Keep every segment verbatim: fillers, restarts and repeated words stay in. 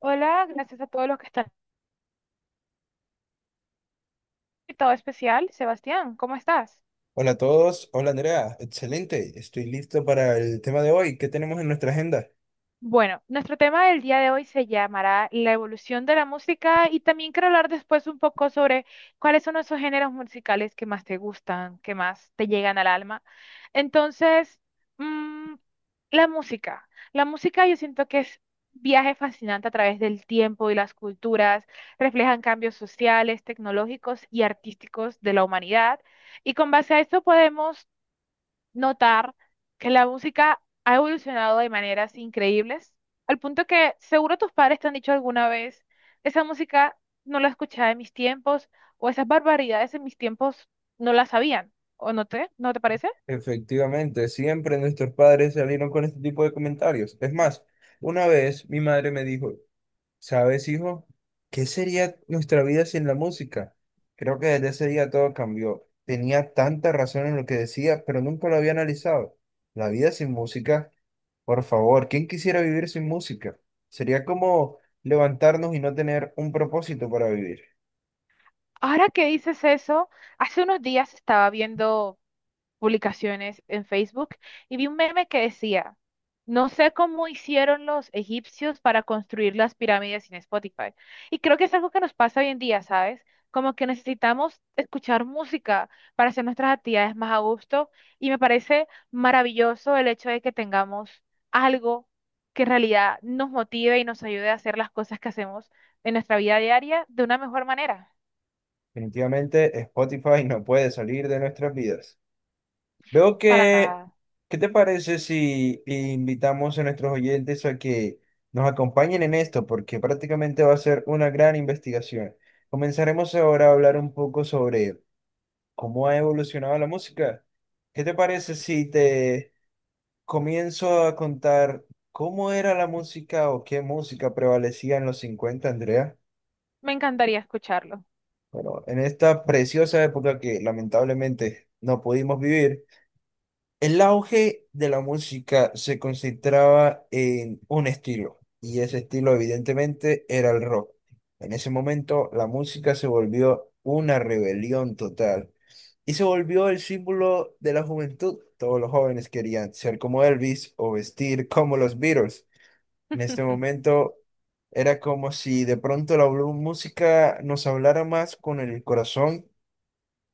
Hola, gracias a todos los que están. Invitado especial, Sebastián, ¿cómo estás? Hola a todos, hola Andrea, excelente, estoy listo para el tema de hoy. ¿Qué tenemos en nuestra agenda? Bueno, nuestro tema del día de hoy se llamará la evolución de la música y también quiero hablar después un poco sobre cuáles son esos géneros musicales que más te gustan, que más te llegan al alma. Entonces, mm, la música. La música yo siento que es viaje fascinante a través del tiempo y las culturas, reflejan cambios sociales, tecnológicos y artísticos de la humanidad. Y con base a esto podemos notar que la música ha evolucionado de maneras increíbles, al punto que seguro tus padres te han dicho alguna vez, esa música no la escuchaba en mis tiempos, o esas barbaridades en mis tiempos no las sabían, ¿o no te, no te parece? Efectivamente, siempre nuestros padres salieron con este tipo de comentarios. Es más, una vez mi madre me dijo, ¿sabes, hijo? ¿Qué sería nuestra vida sin la música? Creo que desde ese día todo cambió. Tenía tanta razón en lo que decía, pero nunca lo había analizado. La vida sin música, por favor, ¿quién quisiera vivir sin música? Sería como levantarnos y no tener un propósito para vivir. Ahora que dices eso, hace unos días estaba viendo publicaciones en Facebook y vi un meme que decía, no sé cómo hicieron los egipcios para construir las pirámides sin Spotify. Y creo que es algo que nos pasa hoy en día, ¿sabes? Como que necesitamos escuchar música para hacer nuestras actividades más a gusto y me parece maravilloso el hecho de que tengamos algo que en realidad nos motive y nos ayude a hacer las cosas que hacemos en nuestra vida diaria de una mejor manera. Definitivamente Spotify no puede salir de nuestras vidas. Veo Para que, nada. ¿qué te parece si invitamos a nuestros oyentes a que nos acompañen en esto? Porque prácticamente va a ser una gran investigación. Comenzaremos ahora a hablar un poco sobre cómo ha evolucionado la música. ¿Qué te parece si te comienzo a contar cómo era la música o qué música prevalecía en los cincuenta, Andrea? Me encantaría escucharlo. Bueno, en esta preciosa época que lamentablemente no pudimos vivir, el auge de la música se concentraba en un estilo, y ese estilo evidentemente era el rock. En ese momento la música se volvió una rebelión total y se volvió el símbolo de la juventud. Todos los jóvenes querían ser como Elvis o vestir como los Beatles. En este momento era como si de pronto la blu- música nos hablara más con el corazón,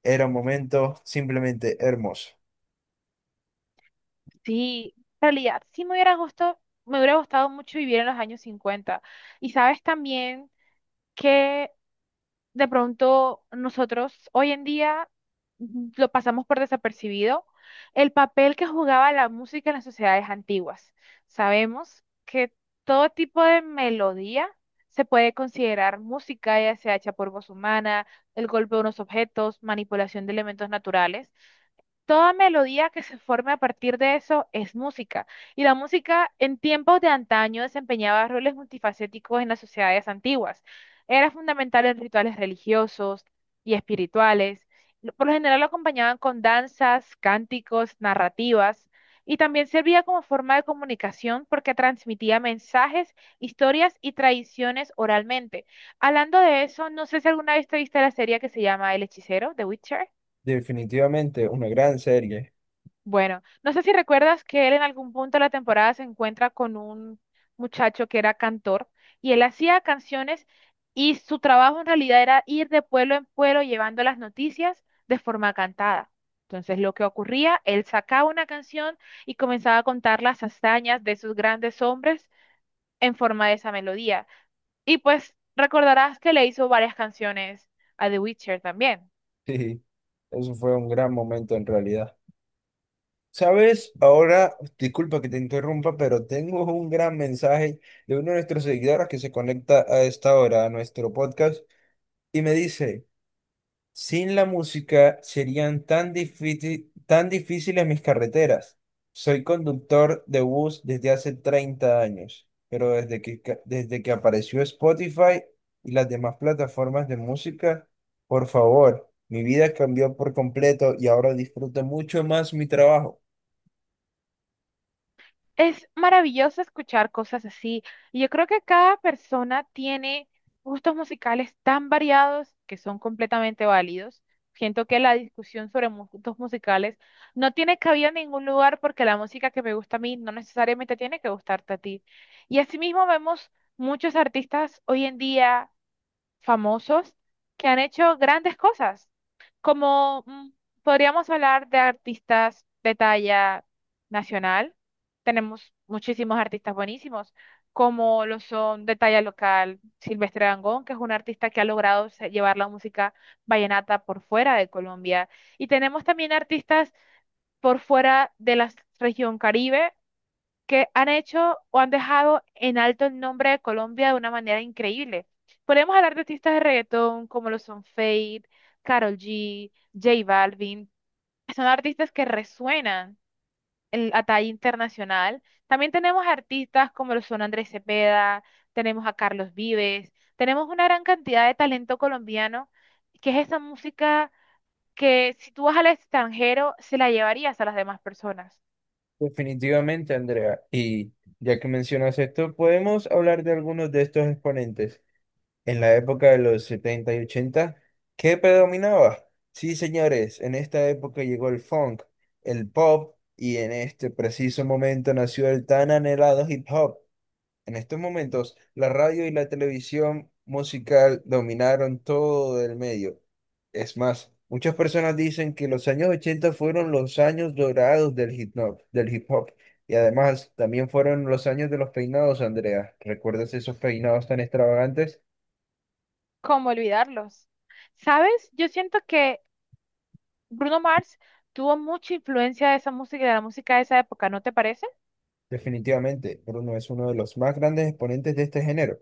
era un momento simplemente hermoso. Sí, en realidad, sí me hubiera gustado, me hubiera gustado mucho vivir en los años cincuenta. Y sabes también que de pronto nosotros hoy en día mm, lo pasamos por desapercibido, el papel que jugaba la música en las sociedades antiguas. Sabemos que todo tipo de melodía se puede considerar música, ya sea hecha por voz humana, el golpe de unos objetos, manipulación de elementos naturales. Toda melodía que se forme a partir de eso es música. Y la música en tiempos de antaño desempeñaba roles multifacéticos en las sociedades antiguas. Era fundamental en rituales religiosos y espirituales. Lo- Por lo general lo acompañaban con danzas, cánticos, narrativas. Y también servía como forma de comunicación porque transmitía mensajes, historias y tradiciones oralmente. Hablando de eso, no sé si alguna vez te viste la serie que se llama El Hechicero, The Witcher. Definitivamente una gran serie. Bueno, no sé si recuerdas que él en algún punto de la temporada se encuentra con un muchacho que era cantor y él hacía canciones y su trabajo en realidad era ir de pueblo en pueblo llevando las noticias de forma cantada. Entonces lo que ocurría, él sacaba una canción y comenzaba a contar las hazañas de sus grandes hombres en forma de esa melodía. Y pues recordarás que le hizo varias canciones a The Witcher también. Sí, eso fue un gran momento en realidad. ¿Sabes? Ahora, disculpa que te interrumpa, pero tengo un gran mensaje de uno de nuestros seguidores que se conecta a esta hora a nuestro podcast y me dice... Sin la música serían tan difícil- tan difíciles mis carreteras. Soy conductor de bus desde hace treinta años, pero desde que, ca- desde que apareció Spotify y las demás plataformas de música, por favor, mi vida cambió por completo y ahora disfruto mucho más mi trabajo. Es maravilloso escuchar cosas así. Y yo creo que cada persona tiene gustos musicales tan variados que son completamente válidos. Siento que la discusión sobre mu- gustos musicales no tiene cabida en ningún lugar porque la música que me gusta a mí no necesariamente tiene que gustarte a ti. Y asimismo vemos muchos artistas hoy en día famosos que han hecho grandes cosas, como mm, podríamos hablar de artistas de talla nacional. Tenemos muchísimos artistas buenísimos, como lo son de talla local Silvestre Dangond, que es un artista que ha logrado se- llevar la música vallenata por fuera de Colombia. Y tenemos también artistas por fuera de la región Caribe, que han hecho o han dejado en alto el nombre de Colombia de una manera increíble. Podemos hablar de artistas de reggaetón como lo son Fade, Karol G, J Balvin. Son artistas que resuenan en- a talla internacional. También tenemos artistas como lo son Andrés Cepeda, tenemos a Carlos Vives, tenemos una gran cantidad de talento colombiano, que es esa música que si tú vas al extranjero se la llevarías a las demás personas. Definitivamente, Andrea. Y ya que mencionas esto, podemos hablar de algunos de estos exponentes. En la época de los setenta y ochenta, ¿qué predominaba? Sí, señores, en esta época llegó el funk, el pop, y en este preciso momento nació el tan anhelado hip hop. En estos momentos, la radio y la televisión musical dominaron todo el medio. Es más, muchas personas dicen que los años ochenta fueron los años dorados del hip hop, del hip hop. Y además, también fueron los años de los peinados, Andrea. ¿Recuerdas esos peinados tan extravagantes? ¿Cómo olvidarlos? ¿Sabes? Yo siento que Bruno Mars tuvo mucha influencia de esa música y de la música de esa época, ¿no te parece? Definitivamente, Bruno es uno de los más grandes exponentes de este género.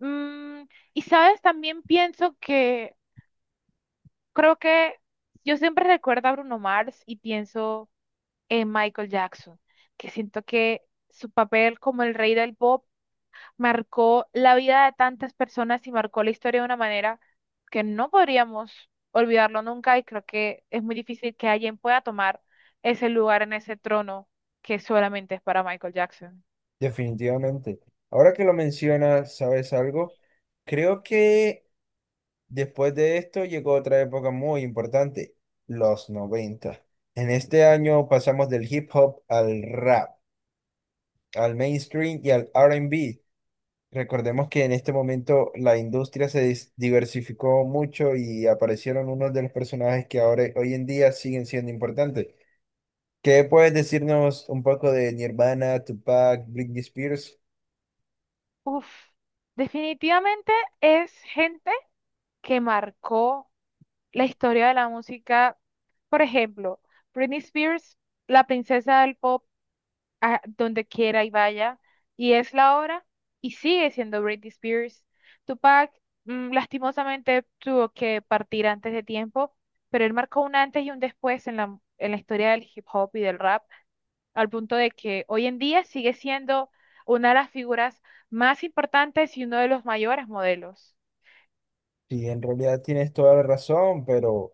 Mm, y sabes, también pienso que creo que yo siempre recuerdo a Bruno Mars y pienso en Michael Jackson, que siento que su papel como el rey del pop marcó la vida de tantas personas y marcó la historia de una manera que no podríamos olvidarlo nunca y creo que es muy difícil que alguien pueda tomar ese lugar en ese trono que solamente es para Michael Jackson. Definitivamente. Ahora que lo mencionas, ¿sabes algo? Creo que después de esto llegó otra época muy importante, los noventa. En este año pasamos del hip hop al rap, al mainstream y al R and B. Recordemos que en este momento la industria se dis- diversificó mucho y aparecieron unos de los personajes que ahora hoy en día siguen siendo importantes. ¿Qué puedes decirnos un poco de Nirvana, Tupac, Britney Spears? Uf, definitivamente es gente que marcó la historia de la música. Por ejemplo, Britney Spears, la princesa del pop a donde quiera y vaya, y es la hora, y sigue siendo Britney Spears. Tupac, mm, lastimosamente, tuvo que partir antes de tiempo, pero él marcó un antes y un después en la, en la historia del hip hop y del rap, al punto de que hoy en día sigue siendo una de las figuras más importantes y uno de los mayores modelos. Sí, en realidad tienes toda la razón, pero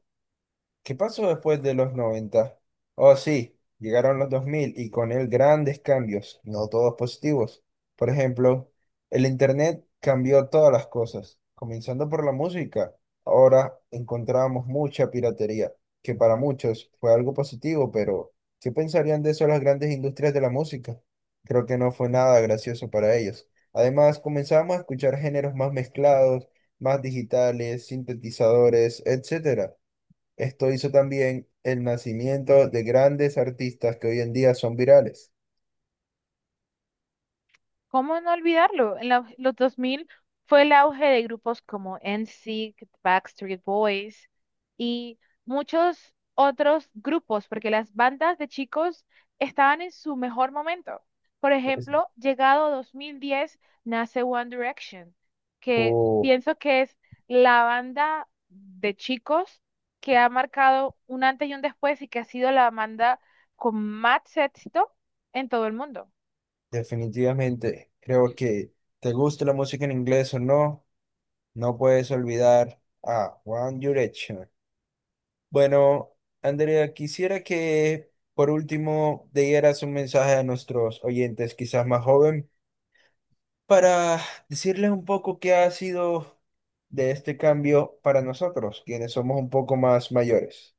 ¿qué pasó después de los noventa? Oh, sí, llegaron los dos mil y con él grandes cambios, no todos positivos. Por ejemplo, el Internet cambió todas las cosas, comenzando por la música. Ahora encontramos mucha piratería, que para muchos fue algo positivo, pero ¿qué pensarían de eso las grandes industrias de la música? Creo que no fue nada gracioso para ellos. Además, comenzamos a escuchar géneros más mezclados, más digitales, sintetizadores, etcétera. Esto hizo también el nacimiento de grandes artistas que hoy en día son virales. ¿Cómo no olvidarlo? En la- los dos mil fue el auge de grupos como N. NSYNC, Backstreet Boys y muchos otros grupos, porque las bandas de chicos estaban en su mejor momento. Por Es- ejemplo, llegado dos mil diez nace One Direction, que o pienso que es la banda de chicos que ha marcado un antes y un después y que ha sido la banda con más éxito en todo el mundo. Definitivamente, creo que te gusta la música en inglés o no, no puedes olvidar a One Direction. Bueno, Andrea, quisiera que por último dieras un mensaje a nuestros oyentes, quizás más joven, para decirles un poco qué ha sido de este cambio para nosotros, quienes somos un poco más mayores.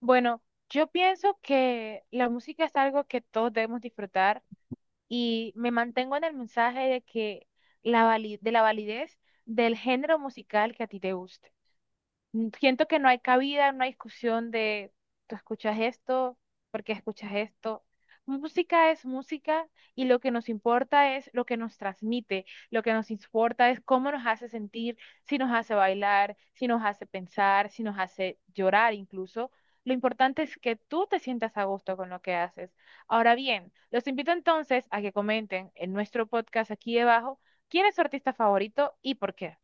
Bueno, yo pienso que la música es algo que todos debemos disfrutar y me mantengo en el mensaje de que la vali- de la validez del género musical que a ti te guste mm, siento que no hay cabida en una discusión de tú escuchas esto, porque escuchas esto. Música es música y lo que nos importa es lo que nos transmite, lo que nos importa es cómo nos hace sentir, si nos hace bailar, si nos hace pensar, si nos hace llorar incluso. Lo importante es que tú te sientas a gusto con lo que haces. Ahora bien, los invito entonces a que comenten en nuestro podcast aquí debajo quién es su artista favorito y por qué.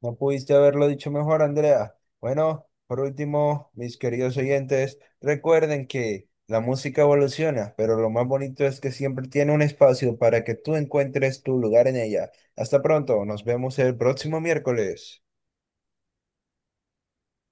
No pudiste haberlo dicho mejor, Andrea. Bueno, por último, mis queridos oyentes, recuerden que la música evoluciona, pero lo más bonito es que siempre tiene un espacio para que tú encuentres tu lugar en ella. Hasta pronto, nos vemos el próximo miércoles.